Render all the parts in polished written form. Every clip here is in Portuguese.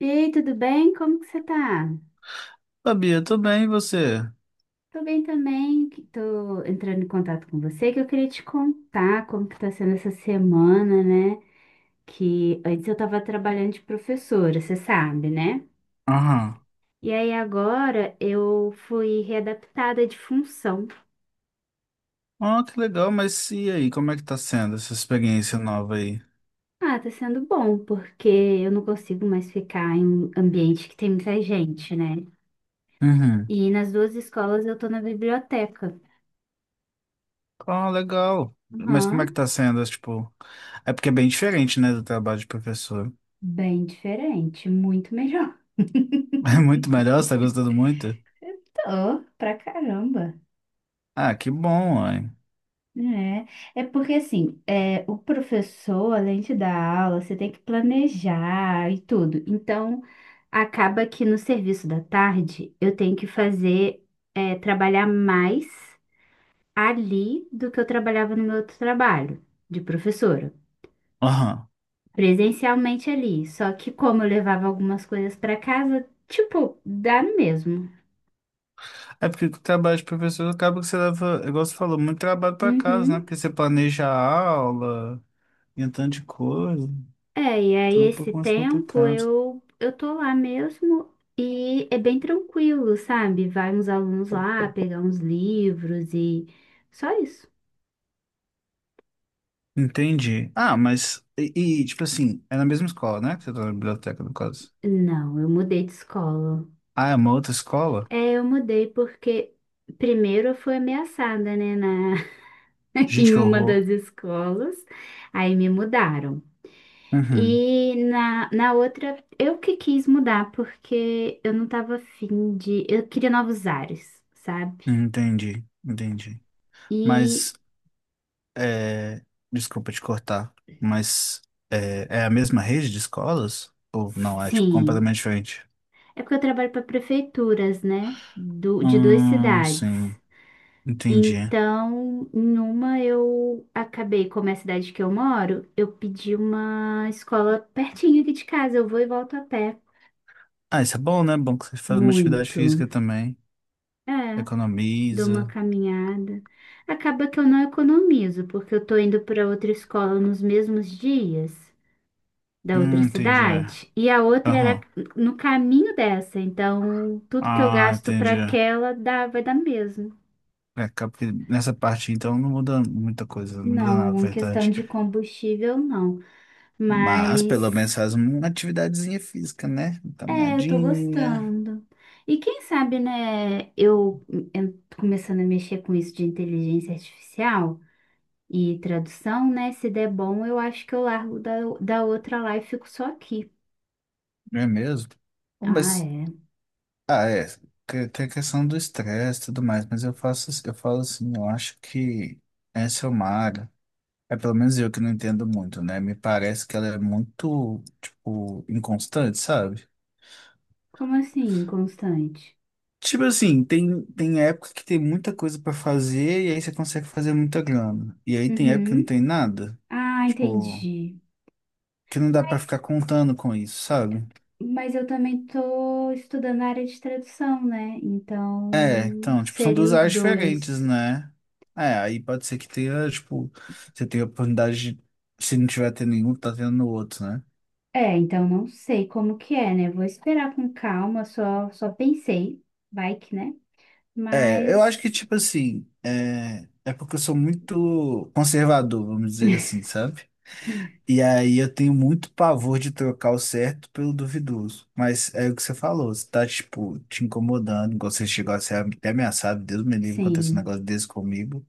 E aí, tudo bem? Como que você tá? Sabia, tô bem, e você? Tô bem também, que tô entrando em contato com você, que eu queria te contar como que tá sendo essa semana, né? Que antes eu tava trabalhando de professora, você sabe, né? Aham. E aí agora eu fui readaptada de função. Ah, que legal, mas e aí, como é que tá sendo essa experiência nova aí? Ah, tá sendo bom, porque eu não consigo mais ficar em um ambiente que tem muita gente, né? Uhum. E nas duas escolas eu tô na biblioteca. Ah, legal. Mas como é que Aham, tá sendo, tipo... É porque é bem diferente, né, do trabalho de professor. bem diferente, muito melhor. É muito melhor, você tá gostando muito? Oh, pra caramba. Ah, que bom, ué. É porque assim, é, o professor, além de dar aula, você tem que planejar e tudo. Então, acaba que no serviço da tarde eu tenho que fazer, é, trabalhar mais ali do que eu trabalhava no meu outro trabalho de professora, Aham. presencialmente ali. Só que como eu levava algumas coisas pra casa, tipo, dá no mesmo. É porque o trabalho de professor acaba que você leva, igual você falou, muito trabalho pra casa, né? Uhum. Porque você planeja a aula e um tanto de coisa. É, e aí Então é um esse pouco mais tempo complicado. eu tô lá mesmo e é bem tranquilo, sabe? Vai uns alunos lá pegar uns livros e só isso. Entendi. Ah, mas. E, tipo assim, é na mesma escola, né? Que você tá na biblioteca, no caso. Não, eu mudei de escola. Ah, é uma outra escola? É, eu mudei porque primeiro eu fui ameaçada, né, na Gente, em que uma horror. das escolas. Aí me mudaram. Uhum. E na outra eu que quis mudar porque eu não tava afim de, eu queria novos ares, sabe? Entendi, entendi. E Mas, é... desculpa te cortar, mas é a mesma rede de escolas? Ou não? É, tipo, sim, completamente diferente? é porque eu trabalho para prefeituras, né? Do, de duas cidades. Sim. Entendi. Então, em uma eu acabei, como é a cidade que eu moro, eu pedi uma escola pertinho aqui de casa. Eu vou e volto a pé. Ah, isso é bom, né? Bom que você faz uma atividade Muito. física também. É, dou uma Economiza. caminhada. Acaba que eu não economizo, porque eu tô indo para outra escola nos mesmos dias. Da outra Entendi. cidade e a outra era Aham. no caminho dessa. Então, tudo que eu Ah, gasto para entendi. aquela dá, vai dar mesmo. É, acaba que nessa parte, então, não muda muita coisa, não muda nada, na Não, em questão verdade. de combustível, não. Mas, Mas pelo menos, faz uma atividadezinha física, né? Uma é, eu tô caminhadinha, gostando. E quem sabe, né, eu tô começando a mexer com isso de inteligência artificial e tradução, né? Se der bom, eu acho que eu largo da, da outra lá e fico só aqui. não é mesmo? Bom, Ah, mas, é. ah, é, que- tem a questão do estresse e tudo mais, mas eu faço, eu falo assim, eu acho que essa é uma área, é pelo menos eu que não entendo muito, né? Me parece que ela é muito, tipo, inconstante, sabe? Como assim, constante? Tipo assim, tem época que tem muita coisa pra fazer e aí você consegue fazer muita grana. E aí tem época que não Uhum. tem nada. Ah, Tipo, entendi. que não dá pra Mas, ficar contando com isso, sabe? mas eu também tô estudando a área de tradução, né? É, Então, então, tipo, são seria duas os áreas diferentes, dois. né? É, aí pode ser que tenha, tipo, você tenha oportunidade de, se não tiver tendo nenhum, tá tendo no outro, né? É, então não sei como que é, né? Vou esperar com calma, só, só pensei, vai que, né? É, eu acho que, Mas, tipo assim, é, é porque eu sou muito conservador, vamos dizer assim, sabe? E aí eu tenho muito pavor de trocar o certo pelo duvidoso. Mas é o que você falou, se tá, tipo, te incomodando, igual você chegou a ser até ameaçado, Deus me livre, acontece um sim. negócio desse comigo.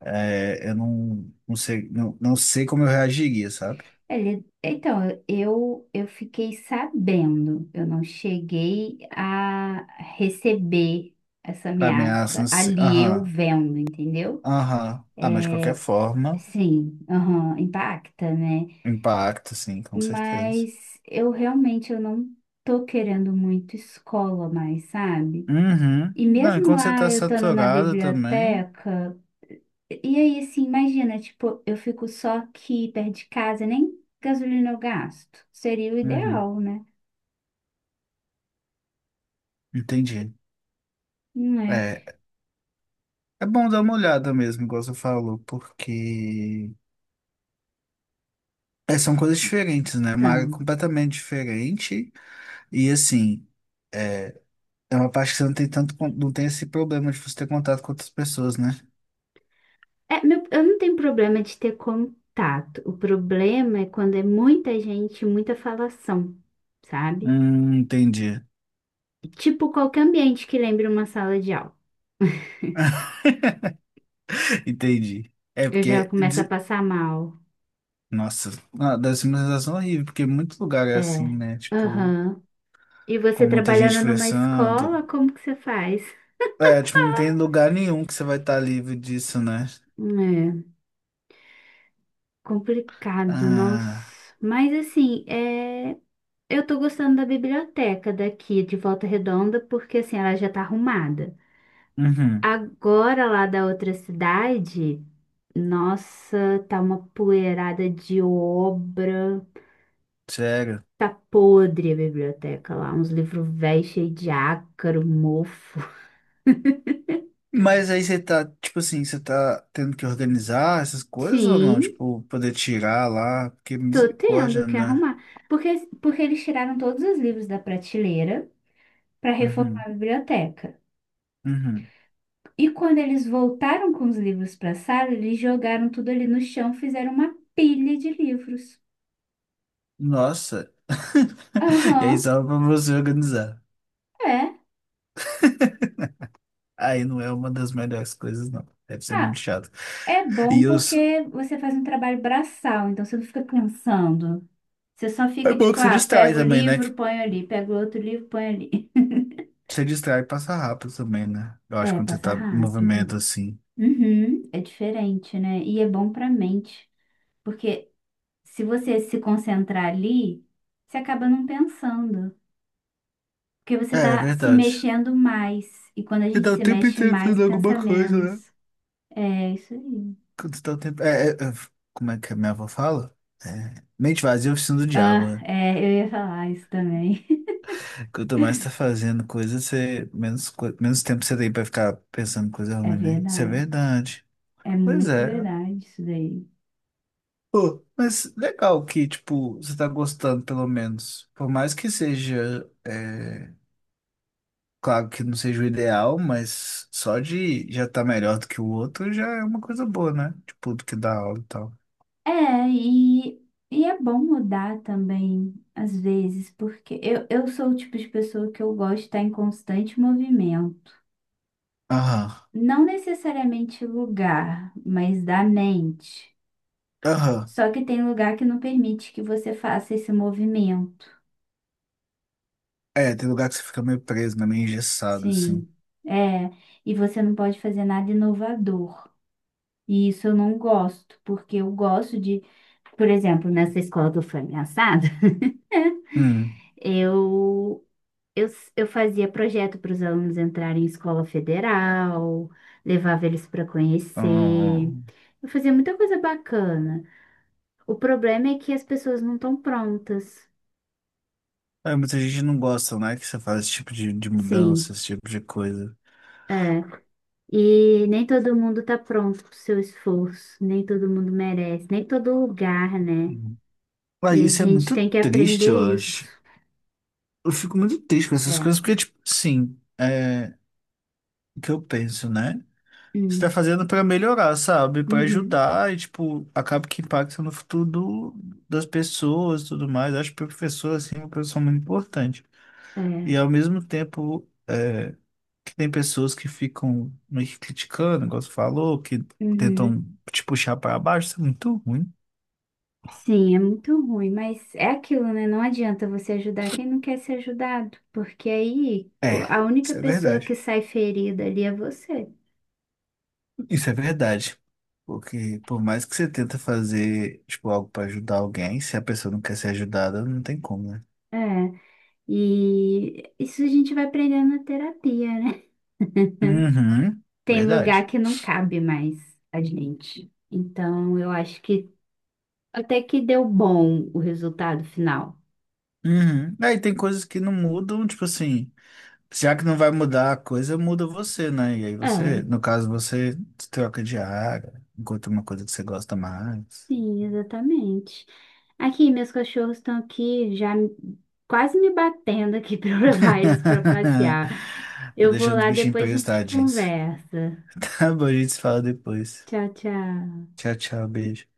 É, eu não sei, não sei como eu reagiria, sabe? Ele, então, eu fiquei sabendo, eu não cheguei a receber essa Pra ameaça, ameaça não sei. ali eu Aham, vendo, entendeu? aham. Ah, mas de qualquer forma, Sim, aham, impacta, né? impacta, sim, com certeza. Mas eu realmente eu não tô querendo muito escola mais, sabe? Uhum. E Não, e mesmo quando você lá tá eu estando na saturado também. biblioteca, e aí assim, imagina, tipo, eu fico só aqui perto de casa, nem gasolina eu gasto. Seria o Uhum. ideal, né? Entendi. Não é? É, é bom dar uma olhada mesmo, igual você falou, porque é, são coisas diferentes, né? É uma área Então, completamente diferente. E assim, é, é uma parte que você não tem tanto, con- não tem esse problema de você ter contato com outras pessoas, né? é, meu, eu não tenho problema de ter contato. O problema é quando é muita gente, muita falação, sabe? Entendi. Tipo qualquer ambiente que lembre uma sala de aula. Entendi. É Eu já porque. começo a De- passar mal. Nossa, ah, deve ser uma sensação horrível, porque muito lugar é É. assim, né? Tipo, Aham. E você com muita gente trabalhando numa conversando. escola, como que você faz? É, tipo, não tem lugar nenhum que você vai estar livre disso, né? É, complicado, nossa. Ah, Mas assim, é... eu tô gostando da biblioteca daqui de Volta Redonda, porque assim, ela já tá arrumada. uhum, Agora lá da outra cidade, nossa, tá uma poeirada de obra. sério. Tá podre a biblioteca lá, uns livros velhos cheios de ácaro, mofo. Mas aí você tá, tipo assim, você tá tendo que organizar essas coisas ou não? Sim. Tipo, poder tirar lá, porque Tô tendo misericórdia, que né? arrumar. Porque, porque eles tiraram todos os livros da prateleira para reformar Uhum, a biblioteca. uhum. E quando eles voltaram com os livros para a sala, eles jogaram tudo ali no chão, fizeram uma pilha de livros. Nossa. E aí Aham, só pra você organizar. é. Aí não é uma das melhores coisas, não. Deve ser Ah, muito chato. é bom E os... porque você faz um trabalho braçal, então você não fica pensando. Você só é fica bom que tipo, você ah, distrai pega o também, né? Que livro, põe ali, pega o outro livro, põe ali. você distrai e passa rápido também, né? Eu acho que É, quando você passa tá em rápido. movimento assim. Uhum, é diferente, né? E é bom pra mente. Porque se você se concentrar ali, você acaba não pensando, porque você É, é está se verdade. mexendo mais. E quando a Você gente dá o se tempo mexe inteiro mais, fazendo alguma pensa coisa, né? menos. É isso aí. Quanto tal tempo. Como é que a minha avó fala? É, mente vazia é oficina do diabo, Ah, né? é, eu ia falar isso também. Quanto mais tá fazendo coisa, você, menos, co- menos tempo você tem pra ficar pensando em coisa É ruim, né? Isso é verdade. verdade. É Pois muito é. verdade isso daí. Pô, mas legal que, tipo, você tá gostando, pelo menos. Por mais que seja, é, claro que não seja o ideal, mas só de já tá melhor do que o outro já é uma coisa boa, né? Tipo, do que dar aula e tal. É, e é bom mudar também, às vezes, porque eu sou o tipo de pessoa que eu gosto de estar em constante movimento. Aham, Não necessariamente lugar, mas da mente. aham. Só que tem lugar que não permite que você faça esse movimento. É, tem lugar que você fica meio preso, né? Meio engessado, assim. Sim, é. E você não pode fazer nada inovador. E isso eu não gosto, porque eu gosto de, por exemplo, nessa escola que eu fui ameaçada, Hum. eu, eu, eu fazia projeto para os alunos entrarem em escola federal, levava eles para conhecer. Uhum. Eu fazia muita coisa bacana. O problema é que as pessoas não estão prontas. É, muita gente não gosta, né? Que você faz esse tipo de mudança, Sim. esse tipo de coisa. É. E nem todo mundo tá pronto pro seu esforço, nem todo mundo merece, nem todo lugar, né? Uhum. Ah, E a isso é gente muito tem que triste, aprender eu isso. acho. Eu fico muito triste com essas coisas, É. porque, tipo, sim, é o que eu penso, né? Você tá Hum, fazendo pra melhorar, sabe? Pra uhum, ajudar e, tipo, acaba que impacta no futuro do- das pessoas e tudo mais. Eu acho que o professor, assim, é uma pessoa muito importante. é, E, ao mesmo tempo. É, que tem pessoas que ficam meio que criticando, igual você falou, que uhum. tentam te puxar para baixo, isso é muito ruim. Sim, é muito ruim, mas é aquilo, né? Não adianta você ajudar quem não quer ser ajudado, porque aí o- É, a única isso é pessoa que verdade. sai ferida ali é você. Isso é verdade. Porque por mais que você tenta fazer, tipo, algo para ajudar alguém, se a pessoa não quer ser ajudada, não tem como, né? É, e isso a gente vai aprendendo na terapia, né? Uhum, Tem lugar verdade. que não cabe mais a gente. Então, eu acho que até que deu bom o resultado final. Uhum. Aí tem coisas que não mudam, tipo assim, já que não vai mudar a coisa, muda você, né? E aí você, É, no caso, você se troca de área, encontra uma coisa que você gosta mais. sim, exatamente. Aqui, meus cachorros estão aqui já me- quase me batendo aqui para eu levar eles para passear. Tô Eu vou deixando o lá, bichinho depois pegar a os gente tadinhos. conversa. Tá bom, a gente se fala depois. Tchau, tchau. Tchau, tchau, beijo.